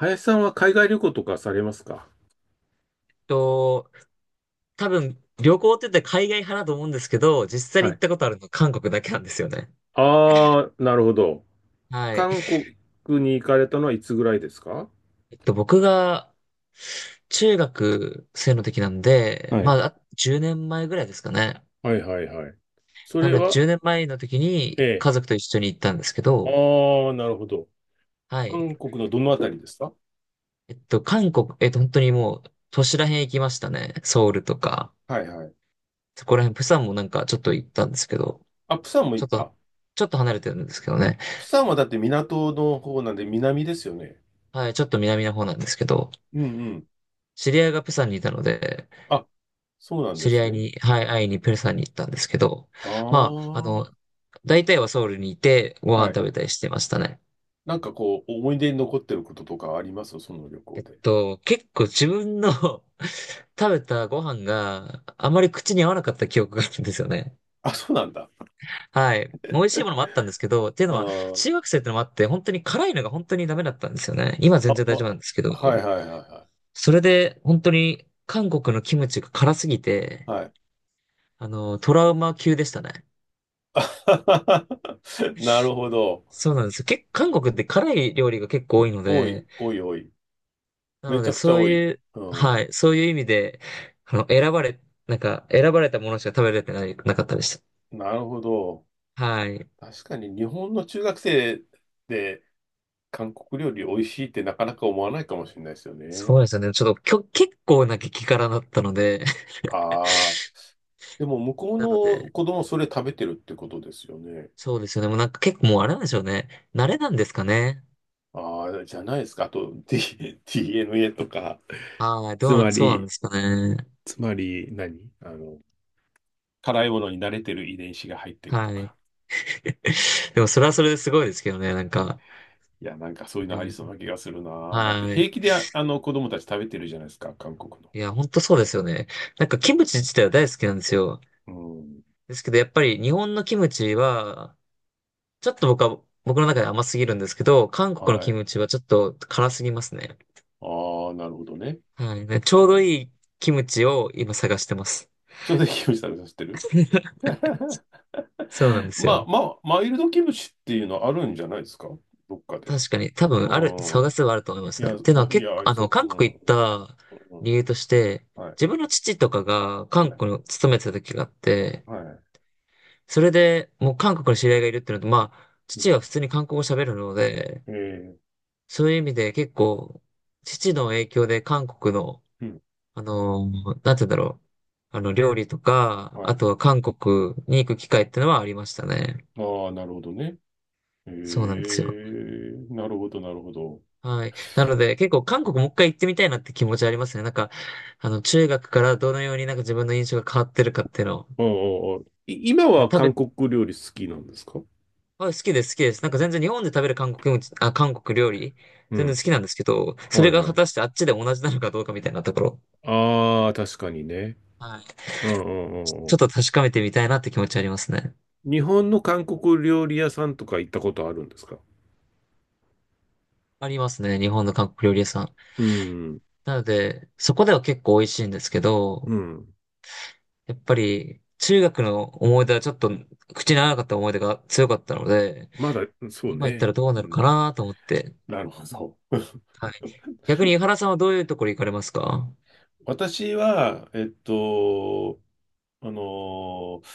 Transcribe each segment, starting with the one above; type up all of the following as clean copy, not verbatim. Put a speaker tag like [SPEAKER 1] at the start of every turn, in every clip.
[SPEAKER 1] 林さんは海外旅行とかされますか？
[SPEAKER 2] と、多分、旅行って言ったら海外派だと思うんですけど、実際に
[SPEAKER 1] は
[SPEAKER 2] 行っ
[SPEAKER 1] い。
[SPEAKER 2] たことあるの韓国だけなんですよね。
[SPEAKER 1] ああ、なるほど。
[SPEAKER 2] はい。
[SPEAKER 1] 韓国に行かれたのはいつぐらいですか？
[SPEAKER 2] 僕が、中学生の時なんで、
[SPEAKER 1] は
[SPEAKER 2] ま
[SPEAKER 1] い。
[SPEAKER 2] あ、10年前ぐらいですかね。
[SPEAKER 1] はいはいはい。そ
[SPEAKER 2] な
[SPEAKER 1] れ
[SPEAKER 2] ので、
[SPEAKER 1] は、
[SPEAKER 2] 10年前の時
[SPEAKER 1] え
[SPEAKER 2] に
[SPEAKER 1] え。
[SPEAKER 2] 家族と一緒に行ったんですけ
[SPEAKER 1] あ
[SPEAKER 2] ど、
[SPEAKER 1] あ、なるほど。
[SPEAKER 2] はい。
[SPEAKER 1] 韓国のどのあたりですか？
[SPEAKER 2] 韓国、本当にもう、都市らへん行きましたね。ソウルとか、
[SPEAKER 1] はいはい。
[SPEAKER 2] そこらへんプサンもなんかちょっと行ったんですけど、
[SPEAKER 1] あ、釜山も
[SPEAKER 2] ちょ
[SPEAKER 1] 行っ
[SPEAKER 2] っと、
[SPEAKER 1] た。
[SPEAKER 2] ちょっと離れてるんですけどね。
[SPEAKER 1] 釜山はだって港の方なんで南ですよね。
[SPEAKER 2] はい、ちょっと南の方なんですけど、
[SPEAKER 1] うんうん。
[SPEAKER 2] 知り合いがプサンにいたので、
[SPEAKER 1] あ、そうなんで
[SPEAKER 2] 知り
[SPEAKER 1] す
[SPEAKER 2] 合い
[SPEAKER 1] ね。
[SPEAKER 2] に、はい、会いにプサンに行ったんですけど、
[SPEAKER 1] あ
[SPEAKER 2] まあ、
[SPEAKER 1] あ、
[SPEAKER 2] 大体はソウルにいてご飯
[SPEAKER 1] はい。
[SPEAKER 2] 食べたりしてましたね。
[SPEAKER 1] なんかこう、思い出に残ってることとかありますその旅行で。
[SPEAKER 2] 結構自分の 食べたご飯があまり口に合わなかった記憶があるんですよね。
[SPEAKER 1] あ、そうなんだ。
[SPEAKER 2] はい。美味しいものもあったんですけど、っていう
[SPEAKER 1] あ
[SPEAKER 2] のは、中学
[SPEAKER 1] あ。
[SPEAKER 2] 生ってのもあって、本当に辛いのが本当にダメだったんですよね。今
[SPEAKER 1] あ、
[SPEAKER 2] 全然大丈
[SPEAKER 1] あ
[SPEAKER 2] 夫なんですけ
[SPEAKER 1] はい
[SPEAKER 2] ど、
[SPEAKER 1] はいはいは
[SPEAKER 2] それで本当に韓国のキムチが辛すぎ
[SPEAKER 1] い。
[SPEAKER 2] て、
[SPEAKER 1] はい。
[SPEAKER 2] トラウマ級でしたね。
[SPEAKER 1] なるほど。
[SPEAKER 2] そうなんですよ。韓国って辛い料理が結構多いの
[SPEAKER 1] 多い、
[SPEAKER 2] で、
[SPEAKER 1] 多い、多い。
[SPEAKER 2] な
[SPEAKER 1] め
[SPEAKER 2] の
[SPEAKER 1] ちゃ
[SPEAKER 2] で、
[SPEAKER 1] くちゃ
[SPEAKER 2] そう
[SPEAKER 1] 多
[SPEAKER 2] い
[SPEAKER 1] い。
[SPEAKER 2] う、
[SPEAKER 1] う
[SPEAKER 2] は
[SPEAKER 1] ん。
[SPEAKER 2] い、そういう意味で、あの、選ばれ、選ばれたものしか食べれてない、なかったでし
[SPEAKER 1] なるほど。
[SPEAKER 2] た。はい。
[SPEAKER 1] 確かに日本の中学生で韓国料理美味しいってなかなか思わないかもしれないですよ
[SPEAKER 2] そう
[SPEAKER 1] ね。
[SPEAKER 2] ですよね。ちょっと、きょ、結構な激辛だったので、
[SPEAKER 1] ああ。でも 向こう
[SPEAKER 2] なので、
[SPEAKER 1] の子供それ食べてるってことですよね。
[SPEAKER 2] そうですよね。もうなんか結構もうあれなんでしょうね。慣れなんですかね。
[SPEAKER 1] ああ、じゃないですか。あと、DNA とか。
[SPEAKER 2] はい、
[SPEAKER 1] つま
[SPEAKER 2] そうなん
[SPEAKER 1] り、
[SPEAKER 2] ですかね。
[SPEAKER 1] つまり何あの、辛いものに慣れてる遺伝子が入ってると
[SPEAKER 2] はい。
[SPEAKER 1] か。
[SPEAKER 2] でも、それはそれですごいですけどね、なんか。
[SPEAKER 1] いや、なんかそういうの
[SPEAKER 2] う
[SPEAKER 1] ありそう
[SPEAKER 2] ん、
[SPEAKER 1] な気がするな。だって
[SPEAKER 2] はい。
[SPEAKER 1] 平気であの子供たち食べてるじゃないですか、韓国の。
[SPEAKER 2] いや、ほんとそうですよね。なんか、キムチ自体は大好きなんですよ。
[SPEAKER 1] うん。
[SPEAKER 2] ですけど、やっぱり日本のキムチは、ちょっと僕は、僕の中で甘すぎるんですけど、韓国の
[SPEAKER 1] は
[SPEAKER 2] キ
[SPEAKER 1] い。
[SPEAKER 2] ムチはちょっと辛すぎますね。
[SPEAKER 1] ああ、なるほどね。
[SPEAKER 2] はい。ねちょう
[SPEAKER 1] は
[SPEAKER 2] ど
[SPEAKER 1] い。
[SPEAKER 2] いいキムチを今探してます。
[SPEAKER 1] ちょうどいいキムチ食べさせてる
[SPEAKER 2] そうなんです
[SPEAKER 1] ま
[SPEAKER 2] よ。
[SPEAKER 1] あ、まあ、マイルドキムチっていうのあるんじゃないですか、どっかで？
[SPEAKER 2] 確かに、多分
[SPEAKER 1] う
[SPEAKER 2] ある、探
[SPEAKER 1] ん。
[SPEAKER 2] せばあると思いま
[SPEAKER 1] い
[SPEAKER 2] すね。
[SPEAKER 1] や、
[SPEAKER 2] っ
[SPEAKER 1] う
[SPEAKER 2] ていうのは
[SPEAKER 1] んい
[SPEAKER 2] 結
[SPEAKER 1] や、
[SPEAKER 2] 構、
[SPEAKER 1] ありそう。う
[SPEAKER 2] 韓
[SPEAKER 1] ん。
[SPEAKER 2] 国行った
[SPEAKER 1] うん。
[SPEAKER 2] 理由として、
[SPEAKER 1] はい。
[SPEAKER 2] 自分の父とかが韓
[SPEAKER 1] はい。
[SPEAKER 2] 国に勤めてた時があって、
[SPEAKER 1] はい。
[SPEAKER 2] それでもう韓国の知り合いがいるっていうのと、まあ、
[SPEAKER 1] う
[SPEAKER 2] 父
[SPEAKER 1] ん
[SPEAKER 2] は普通に韓国語喋るので、
[SPEAKER 1] えー
[SPEAKER 2] そういう意味で結構、父の影響で韓国の
[SPEAKER 1] うん。
[SPEAKER 2] なんて言うんだろう。料理とか、
[SPEAKER 1] は
[SPEAKER 2] あ
[SPEAKER 1] い。
[SPEAKER 2] とは韓国に行く機会ってのはありましたね。
[SPEAKER 1] ああ、なるほどね。え
[SPEAKER 2] そうなんですよ。
[SPEAKER 1] えなるほど、なるほど。
[SPEAKER 2] はい。なので、結構韓国もう一回行ってみたいなって気持ちありますね。なんか、中学からどのようになんか自分の印象が変わってるかっていうのを。
[SPEAKER 1] うんうん今
[SPEAKER 2] だ
[SPEAKER 1] は
[SPEAKER 2] から食
[SPEAKER 1] 韓
[SPEAKER 2] べ、
[SPEAKER 1] 国料理好きなんですか？
[SPEAKER 2] あ、好きです、好きです。なんか全然日本で食べる韓国料理、
[SPEAKER 1] う
[SPEAKER 2] 全然好
[SPEAKER 1] ん。
[SPEAKER 2] きなんですけど、そ
[SPEAKER 1] は
[SPEAKER 2] れ
[SPEAKER 1] い
[SPEAKER 2] が
[SPEAKER 1] は
[SPEAKER 2] 果た
[SPEAKER 1] い。
[SPEAKER 2] してあっちで同じなのかどうかみたいなところ。
[SPEAKER 1] ああ、確かにね。
[SPEAKER 2] はい。
[SPEAKER 1] うんうん
[SPEAKER 2] ち
[SPEAKER 1] うん
[SPEAKER 2] ょち
[SPEAKER 1] う
[SPEAKER 2] ょっと確かめてみたいなって気持ちありますね。
[SPEAKER 1] ん。日本の韓国料理屋さんとか行ったことあるんですか？
[SPEAKER 2] ありますね、日本の韓国料理屋さん。
[SPEAKER 1] うん。
[SPEAKER 2] なので、そこでは結構美味しいんですけど、
[SPEAKER 1] うん。
[SPEAKER 2] やっぱり中学の思い出はちょっと口に合わなかった思い出が強かったので、
[SPEAKER 1] まだ、そう
[SPEAKER 2] 今行った
[SPEAKER 1] ね。
[SPEAKER 2] らどう
[SPEAKER 1] う
[SPEAKER 2] なるか
[SPEAKER 1] ん。
[SPEAKER 2] なと思って。
[SPEAKER 1] なるほど。
[SPEAKER 2] はい。逆に井原さんはどういうところ行かれますか？
[SPEAKER 1] 私は、あのー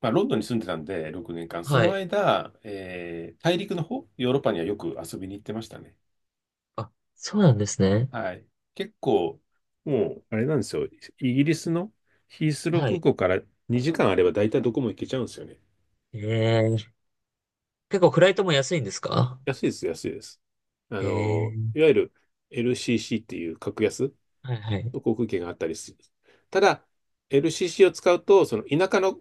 [SPEAKER 1] まあ、ロンドンに住んでたんで、6年間。そ
[SPEAKER 2] は
[SPEAKER 1] の
[SPEAKER 2] い。
[SPEAKER 1] 間、大陸の方、ヨーロッパにはよく遊びに行ってましたね。
[SPEAKER 2] あ、そうなんですね。
[SPEAKER 1] はい。結構、もう、あれなんですよ。イギリスのヒースロー
[SPEAKER 2] は
[SPEAKER 1] 空
[SPEAKER 2] い。
[SPEAKER 1] 港から2時間あれば大体どこも行けちゃうんですよね。
[SPEAKER 2] ええ結構フライトも安いんですか？
[SPEAKER 1] 安いです、安いです。
[SPEAKER 2] え
[SPEAKER 1] い
[SPEAKER 2] え
[SPEAKER 1] わゆる LCC っていう格安
[SPEAKER 2] はいはい。う
[SPEAKER 1] の航空券があったりする。ただ、LCC を使うと、その田舎の、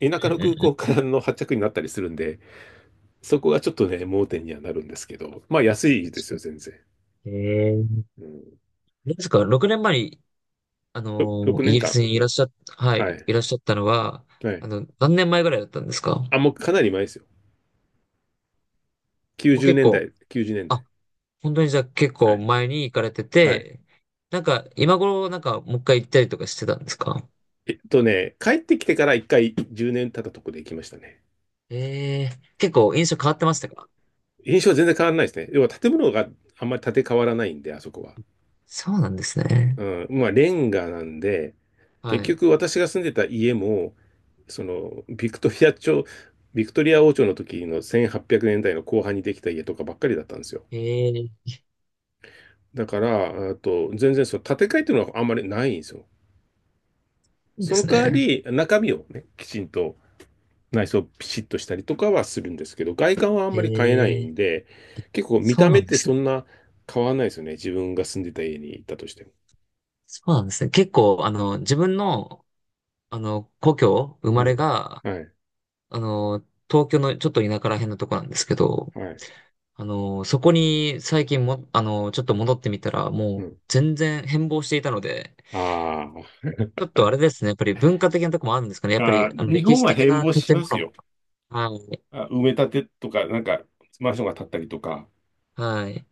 [SPEAKER 1] 田
[SPEAKER 2] ん
[SPEAKER 1] 舎
[SPEAKER 2] う
[SPEAKER 1] の
[SPEAKER 2] んう
[SPEAKER 1] 空港
[SPEAKER 2] ん。
[SPEAKER 1] からの発着になったりするんで、そこがちょっとね、盲点にはなるんですけど、まあ安い
[SPEAKER 2] 確
[SPEAKER 1] です
[SPEAKER 2] か
[SPEAKER 1] よ、全然。
[SPEAKER 2] にええ
[SPEAKER 1] うん、
[SPEAKER 2] どうですか？ 6 年前に、
[SPEAKER 1] 6
[SPEAKER 2] イ
[SPEAKER 1] 年
[SPEAKER 2] ギリ
[SPEAKER 1] 間。
[SPEAKER 2] スにいらっしゃっ、は
[SPEAKER 1] は
[SPEAKER 2] い、
[SPEAKER 1] い。
[SPEAKER 2] いらっしゃったのは、
[SPEAKER 1] はい。
[SPEAKER 2] 何年前ぐらいだったんですか？
[SPEAKER 1] あ、もうかなり前ですよ。
[SPEAKER 2] もう
[SPEAKER 1] 90
[SPEAKER 2] 結
[SPEAKER 1] 年
[SPEAKER 2] 構、
[SPEAKER 1] 代、90年
[SPEAKER 2] あ、
[SPEAKER 1] 代。
[SPEAKER 2] 本当にじゃあ結
[SPEAKER 1] は
[SPEAKER 2] 構
[SPEAKER 1] い
[SPEAKER 2] 前に行かれて
[SPEAKER 1] はい。
[SPEAKER 2] て、なんか今頃なんかもう一回行ったりとかしてたんですか？
[SPEAKER 1] 帰ってきてから一回10年経ったとこで行きましたね。
[SPEAKER 2] ええー結構印象変わってましたか？
[SPEAKER 1] 印象は全然変わらないですね。要は建物があんまり建て替わらないんで、あそこは。
[SPEAKER 2] そうなんですね。
[SPEAKER 1] うん、まあレンガなんで、
[SPEAKER 2] は
[SPEAKER 1] 結
[SPEAKER 2] い。
[SPEAKER 1] 局私が住んでた家も、そのビクトリア朝、ビクトリア王朝の時の1800年代の後半にできた家とかばっかりだったんですよ。
[SPEAKER 2] ええ
[SPEAKER 1] だから、あと全然その建て替えっていうのはあんまりないんですよ。
[SPEAKER 2] そうで
[SPEAKER 1] その
[SPEAKER 2] す
[SPEAKER 1] 代わ
[SPEAKER 2] ね。
[SPEAKER 1] り中身をね、きちんと内装ピシッとしたりとかはするんですけど、外観はあんまり変えない
[SPEAKER 2] え
[SPEAKER 1] ん
[SPEAKER 2] え
[SPEAKER 1] で、結構見
[SPEAKER 2] そ
[SPEAKER 1] た
[SPEAKER 2] う
[SPEAKER 1] 目
[SPEAKER 2] な
[SPEAKER 1] っ
[SPEAKER 2] んで
[SPEAKER 1] て
[SPEAKER 2] す
[SPEAKER 1] そ
[SPEAKER 2] ね。
[SPEAKER 1] んな変わらないですよね。自分が住んでた家に行ったとしても。
[SPEAKER 2] そうなんですね。結構、あの、自分の、あの、故郷、生
[SPEAKER 1] う
[SPEAKER 2] まれ
[SPEAKER 1] ん。
[SPEAKER 2] が、
[SPEAKER 1] はい。
[SPEAKER 2] あの、東京のちょっと田舎ら辺のとこなんですけど、
[SPEAKER 1] はい。
[SPEAKER 2] そこに最近も、ちょっと戻ってみたら、
[SPEAKER 1] う
[SPEAKER 2] もう
[SPEAKER 1] ん。
[SPEAKER 2] 全然変貌していたので、
[SPEAKER 1] あ
[SPEAKER 2] ちょっとあれですね。やっぱり文化的なとこもあるんですかね。やっぱ
[SPEAKER 1] あ。
[SPEAKER 2] り、
[SPEAKER 1] あー、日
[SPEAKER 2] 歴
[SPEAKER 1] 本
[SPEAKER 2] 史
[SPEAKER 1] は
[SPEAKER 2] 的
[SPEAKER 1] 変
[SPEAKER 2] な
[SPEAKER 1] 貌し
[SPEAKER 2] 建
[SPEAKER 1] ます
[SPEAKER 2] 物。
[SPEAKER 1] よ。
[SPEAKER 2] はい。
[SPEAKER 1] あ、埋め立てとか、なんか、マンションが建ったりとか、
[SPEAKER 2] はい。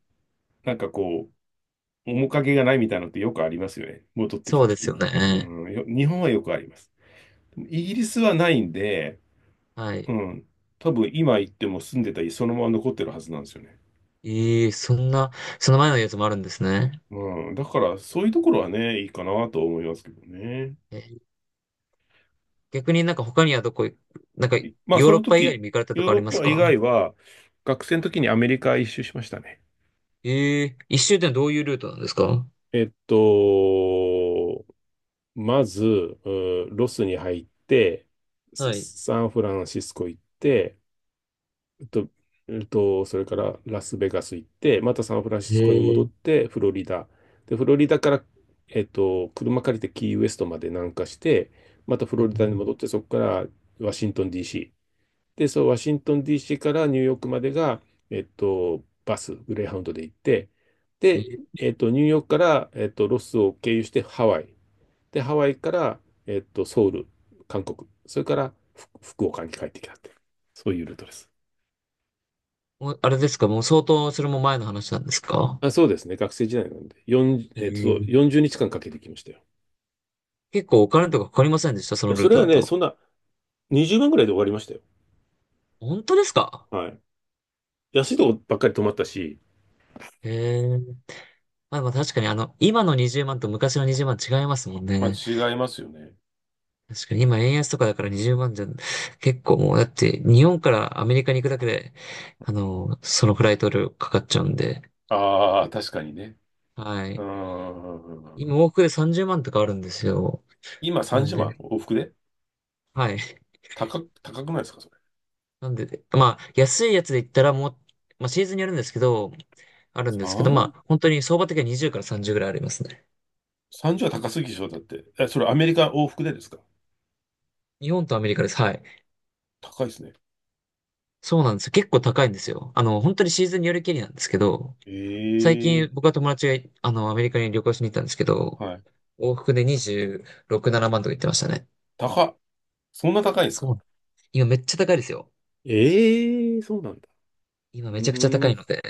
[SPEAKER 1] なんかこう、面影がないみたいなのってよくありますよね。戻ってき
[SPEAKER 2] そ
[SPEAKER 1] た
[SPEAKER 2] うで
[SPEAKER 1] 時
[SPEAKER 2] すよ
[SPEAKER 1] に。
[SPEAKER 2] ね。
[SPEAKER 1] うん。日本はよくあります。でもイギリスはないんで、
[SPEAKER 2] はい。
[SPEAKER 1] うん。多分今行っても住んでた家そのまま残ってるはずなんですよね。
[SPEAKER 2] ええ、そんな、その前のやつもあるんですね。
[SPEAKER 1] うん、だからそういうところはね、いいかなと思いますけどね。
[SPEAKER 2] えー逆になんか他にはどこ、なんか、
[SPEAKER 1] まあ
[SPEAKER 2] ヨー
[SPEAKER 1] そ
[SPEAKER 2] ロッ
[SPEAKER 1] の
[SPEAKER 2] パ以外に
[SPEAKER 1] 時、
[SPEAKER 2] も行かれたと
[SPEAKER 1] ヨー
[SPEAKER 2] こあ
[SPEAKER 1] ロ
[SPEAKER 2] り
[SPEAKER 1] ッ
[SPEAKER 2] ます
[SPEAKER 1] パ以
[SPEAKER 2] か？
[SPEAKER 1] 外は、学生の時にアメリカ一周しましたね。
[SPEAKER 2] ええ、一周ってのはどういうルートなんですか？
[SPEAKER 1] えっと、まず、うんロスに入って、
[SPEAKER 2] はい。
[SPEAKER 1] サンフランシスコ行って、えっと、それからラスベガス行って、またサンフランシ
[SPEAKER 2] へ
[SPEAKER 1] スコに戻っ
[SPEAKER 2] え。
[SPEAKER 1] て、フロリダ。で、フロリダから、車借りてキーウエストまで南下して、またフ
[SPEAKER 2] え
[SPEAKER 1] ロリダに
[SPEAKER 2] ー
[SPEAKER 1] 戻って、そこからワシントン DC。で、そう、ワシントン DC からニューヨークまでが、バス、グレーハウンドで行って、で、ニューヨークから、ロスを経由してハワイ。で、ハワイから、ソウル、韓国。それから、福岡に帰ってきたって。そういうルートです。
[SPEAKER 2] もうあれですかもう相当、それも前の話なんですか？
[SPEAKER 1] あ、そうですね。学生時代なんで。
[SPEAKER 2] え
[SPEAKER 1] 40、そう日
[SPEAKER 2] え、
[SPEAKER 1] 間かんかけてきましたよ。い
[SPEAKER 2] 結構お金とかかかりませんでしたその
[SPEAKER 1] やそ
[SPEAKER 2] ルー
[SPEAKER 1] れ
[SPEAKER 2] ト
[SPEAKER 1] は
[SPEAKER 2] だ
[SPEAKER 1] ね、
[SPEAKER 2] と。
[SPEAKER 1] そんな20万ぐらいで終わりましたよ。
[SPEAKER 2] 本当ですか？
[SPEAKER 1] はい。安いとこばっかり泊まったし、
[SPEAKER 2] へえ。まあ、まあ確かにあの、今の20万と昔の20万違いますもん
[SPEAKER 1] まあ
[SPEAKER 2] ね。
[SPEAKER 1] 違いますよね。
[SPEAKER 2] 確かに今円安とかだから20万じゃ、結構もうだって日本からアメリカに行くだけで、そのフライト料かかっちゃうんで、
[SPEAKER 1] ああ、確かにね。
[SPEAKER 2] は
[SPEAKER 1] うー
[SPEAKER 2] い。今
[SPEAKER 1] ん。
[SPEAKER 2] 往復で30万とかあるんですよ。
[SPEAKER 1] 今
[SPEAKER 2] なん
[SPEAKER 1] 30
[SPEAKER 2] で、
[SPEAKER 1] 万往復で
[SPEAKER 2] はい。
[SPEAKER 1] 高くないですかそれ？
[SPEAKER 2] なんで、まあ安いやつで言ったらもう、まあシーズンによるんですけど、あるんですけど、
[SPEAKER 1] 三
[SPEAKER 2] まあ本当に相場的には20から30ぐらいありますね。
[SPEAKER 1] ?30 は高すぎでしょ？だって、え、それアメリカ往復でですか？
[SPEAKER 2] 日本とアメリカです。はい。
[SPEAKER 1] 高いですね。
[SPEAKER 2] そうなんですよ。結構高いんですよ。本当にシーズンによりけりなんですけど、最
[SPEAKER 1] え
[SPEAKER 2] 近
[SPEAKER 1] え
[SPEAKER 2] 僕は友達がい、あの、アメリカに旅行しに行ったんですけど、
[SPEAKER 1] はい。
[SPEAKER 2] 往復で26、7万とか言ってましたね。
[SPEAKER 1] 高っ。そんな高いんです
[SPEAKER 2] そ
[SPEAKER 1] か？
[SPEAKER 2] う。今めっちゃ高いですよ。
[SPEAKER 1] ええそうなんだ。
[SPEAKER 2] 今
[SPEAKER 1] うー
[SPEAKER 2] めちゃくちゃ高い
[SPEAKER 1] ん、
[SPEAKER 2] ので。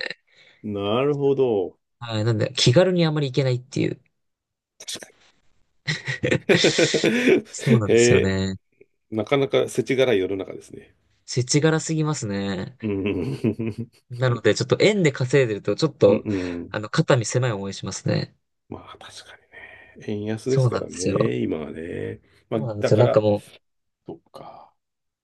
[SPEAKER 1] なるほど。
[SPEAKER 2] はい。なんで、気軽にあまり行けないっていう。そう なんですよ
[SPEAKER 1] え
[SPEAKER 2] ね。
[SPEAKER 1] なかなか世知辛い世の中ですね。
[SPEAKER 2] 世知辛すぎますね。
[SPEAKER 1] うん。
[SPEAKER 2] なので、ちょっと円で稼いでると、ちょっ
[SPEAKER 1] うん
[SPEAKER 2] と、
[SPEAKER 1] うん。
[SPEAKER 2] 肩身狭い思いしますね。
[SPEAKER 1] まあ確かにね。円安で
[SPEAKER 2] そ
[SPEAKER 1] す
[SPEAKER 2] う
[SPEAKER 1] か
[SPEAKER 2] なん
[SPEAKER 1] ら
[SPEAKER 2] ですよ。
[SPEAKER 1] ね、今はね。まあ
[SPEAKER 2] そうなんで
[SPEAKER 1] だ
[SPEAKER 2] すよ。
[SPEAKER 1] か
[SPEAKER 2] なんか
[SPEAKER 1] ら、
[SPEAKER 2] もう、
[SPEAKER 1] そっか。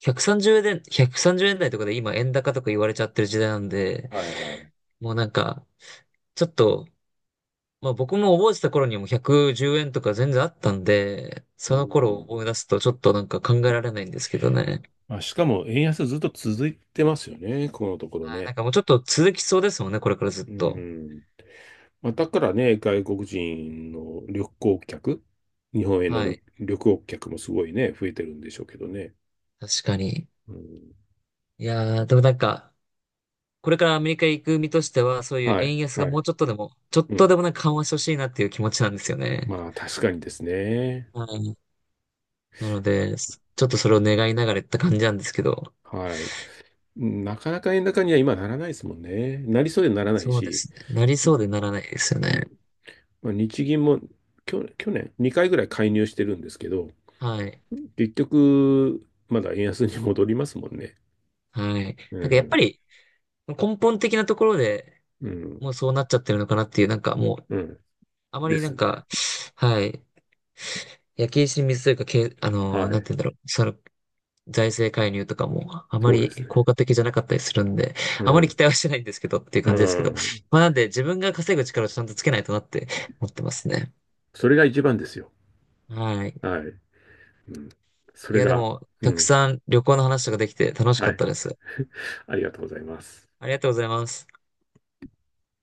[SPEAKER 2] 130円、130円台とかで今円高とか言われちゃってる時代なんで、
[SPEAKER 1] はいはい。
[SPEAKER 2] もうなんか、ちょっと、まあ僕も覚えてた頃にはもう110円とか全然あったんで、
[SPEAKER 1] う
[SPEAKER 2] その頃を
[SPEAKER 1] ん。
[SPEAKER 2] 思い出すとちょっとなんか考えられないんですけどね。
[SPEAKER 1] まあしかも円安ずっと続いてますよね、このところ
[SPEAKER 2] はい、な
[SPEAKER 1] ね。
[SPEAKER 2] んかもうちょっと続きそうですもんね、これからずっ
[SPEAKER 1] う
[SPEAKER 2] と。
[SPEAKER 1] ん。まあだからね、外国人の旅行客、日本への
[SPEAKER 2] はい。
[SPEAKER 1] 旅行客もすごいね、増えてるんでしょうけどね。
[SPEAKER 2] 確かに。
[SPEAKER 1] うん。
[SPEAKER 2] いやー、でもなんか、これからアメリカ行く身としては、そういう
[SPEAKER 1] はい、
[SPEAKER 2] 円安が
[SPEAKER 1] は
[SPEAKER 2] もう
[SPEAKER 1] い。
[SPEAKER 2] ちょっとでも、ちょっ
[SPEAKER 1] う
[SPEAKER 2] と
[SPEAKER 1] ん
[SPEAKER 2] でもなんか緩和してほしいなっていう気持ちなんですよね。
[SPEAKER 1] まあ確かにですね。
[SPEAKER 2] はい。なので、ちょっとそれを願いながらやった感じなんですけど、
[SPEAKER 1] はい。なかなか円高には今ならないですもんね。なりそうでならない
[SPEAKER 2] そうで
[SPEAKER 1] し、
[SPEAKER 2] すね。なり
[SPEAKER 1] に
[SPEAKER 2] そうでならないですよ
[SPEAKER 1] に
[SPEAKER 2] ね。
[SPEAKER 1] まあ、日銀も去年2回ぐらい介入してるんですけど、
[SPEAKER 2] はい。
[SPEAKER 1] 結局まだ円安に戻りますもんね。
[SPEAKER 2] はい。
[SPEAKER 1] う
[SPEAKER 2] なんかやっぱ
[SPEAKER 1] ん、
[SPEAKER 2] り根本的なところで、
[SPEAKER 1] う
[SPEAKER 2] も
[SPEAKER 1] ん、
[SPEAKER 2] うそうなっちゃってるのかなっていう、なんかもう、
[SPEAKER 1] うん。
[SPEAKER 2] あま
[SPEAKER 1] で
[SPEAKER 2] りな
[SPEAKER 1] す
[SPEAKER 2] ん
[SPEAKER 1] ね。
[SPEAKER 2] か、はい、焼け石に水というか、け、あ
[SPEAKER 1] は
[SPEAKER 2] のーなんて
[SPEAKER 1] い。
[SPEAKER 2] 言うんだろう、その、財政介入とかもあま
[SPEAKER 1] そうです
[SPEAKER 2] り
[SPEAKER 1] ね。
[SPEAKER 2] 効果的じゃなかったりするんで、
[SPEAKER 1] う
[SPEAKER 2] あまり期
[SPEAKER 1] ん、
[SPEAKER 2] 待はしてないんですけどっていう
[SPEAKER 1] う
[SPEAKER 2] 感じですけど、
[SPEAKER 1] ん。
[SPEAKER 2] まあなんで自分が稼ぐ力をちゃんとつけないとなって思ってますね。
[SPEAKER 1] それが一番ですよ。
[SPEAKER 2] はい。
[SPEAKER 1] はい。うん、そ
[SPEAKER 2] い
[SPEAKER 1] れ
[SPEAKER 2] やで
[SPEAKER 1] が、
[SPEAKER 2] も、
[SPEAKER 1] う
[SPEAKER 2] たく
[SPEAKER 1] ん。
[SPEAKER 2] さん旅行の話とかできて楽し
[SPEAKER 1] は
[SPEAKER 2] かっ
[SPEAKER 1] い。
[SPEAKER 2] たです。
[SPEAKER 1] ありがとうございます。
[SPEAKER 2] ありがとうございます。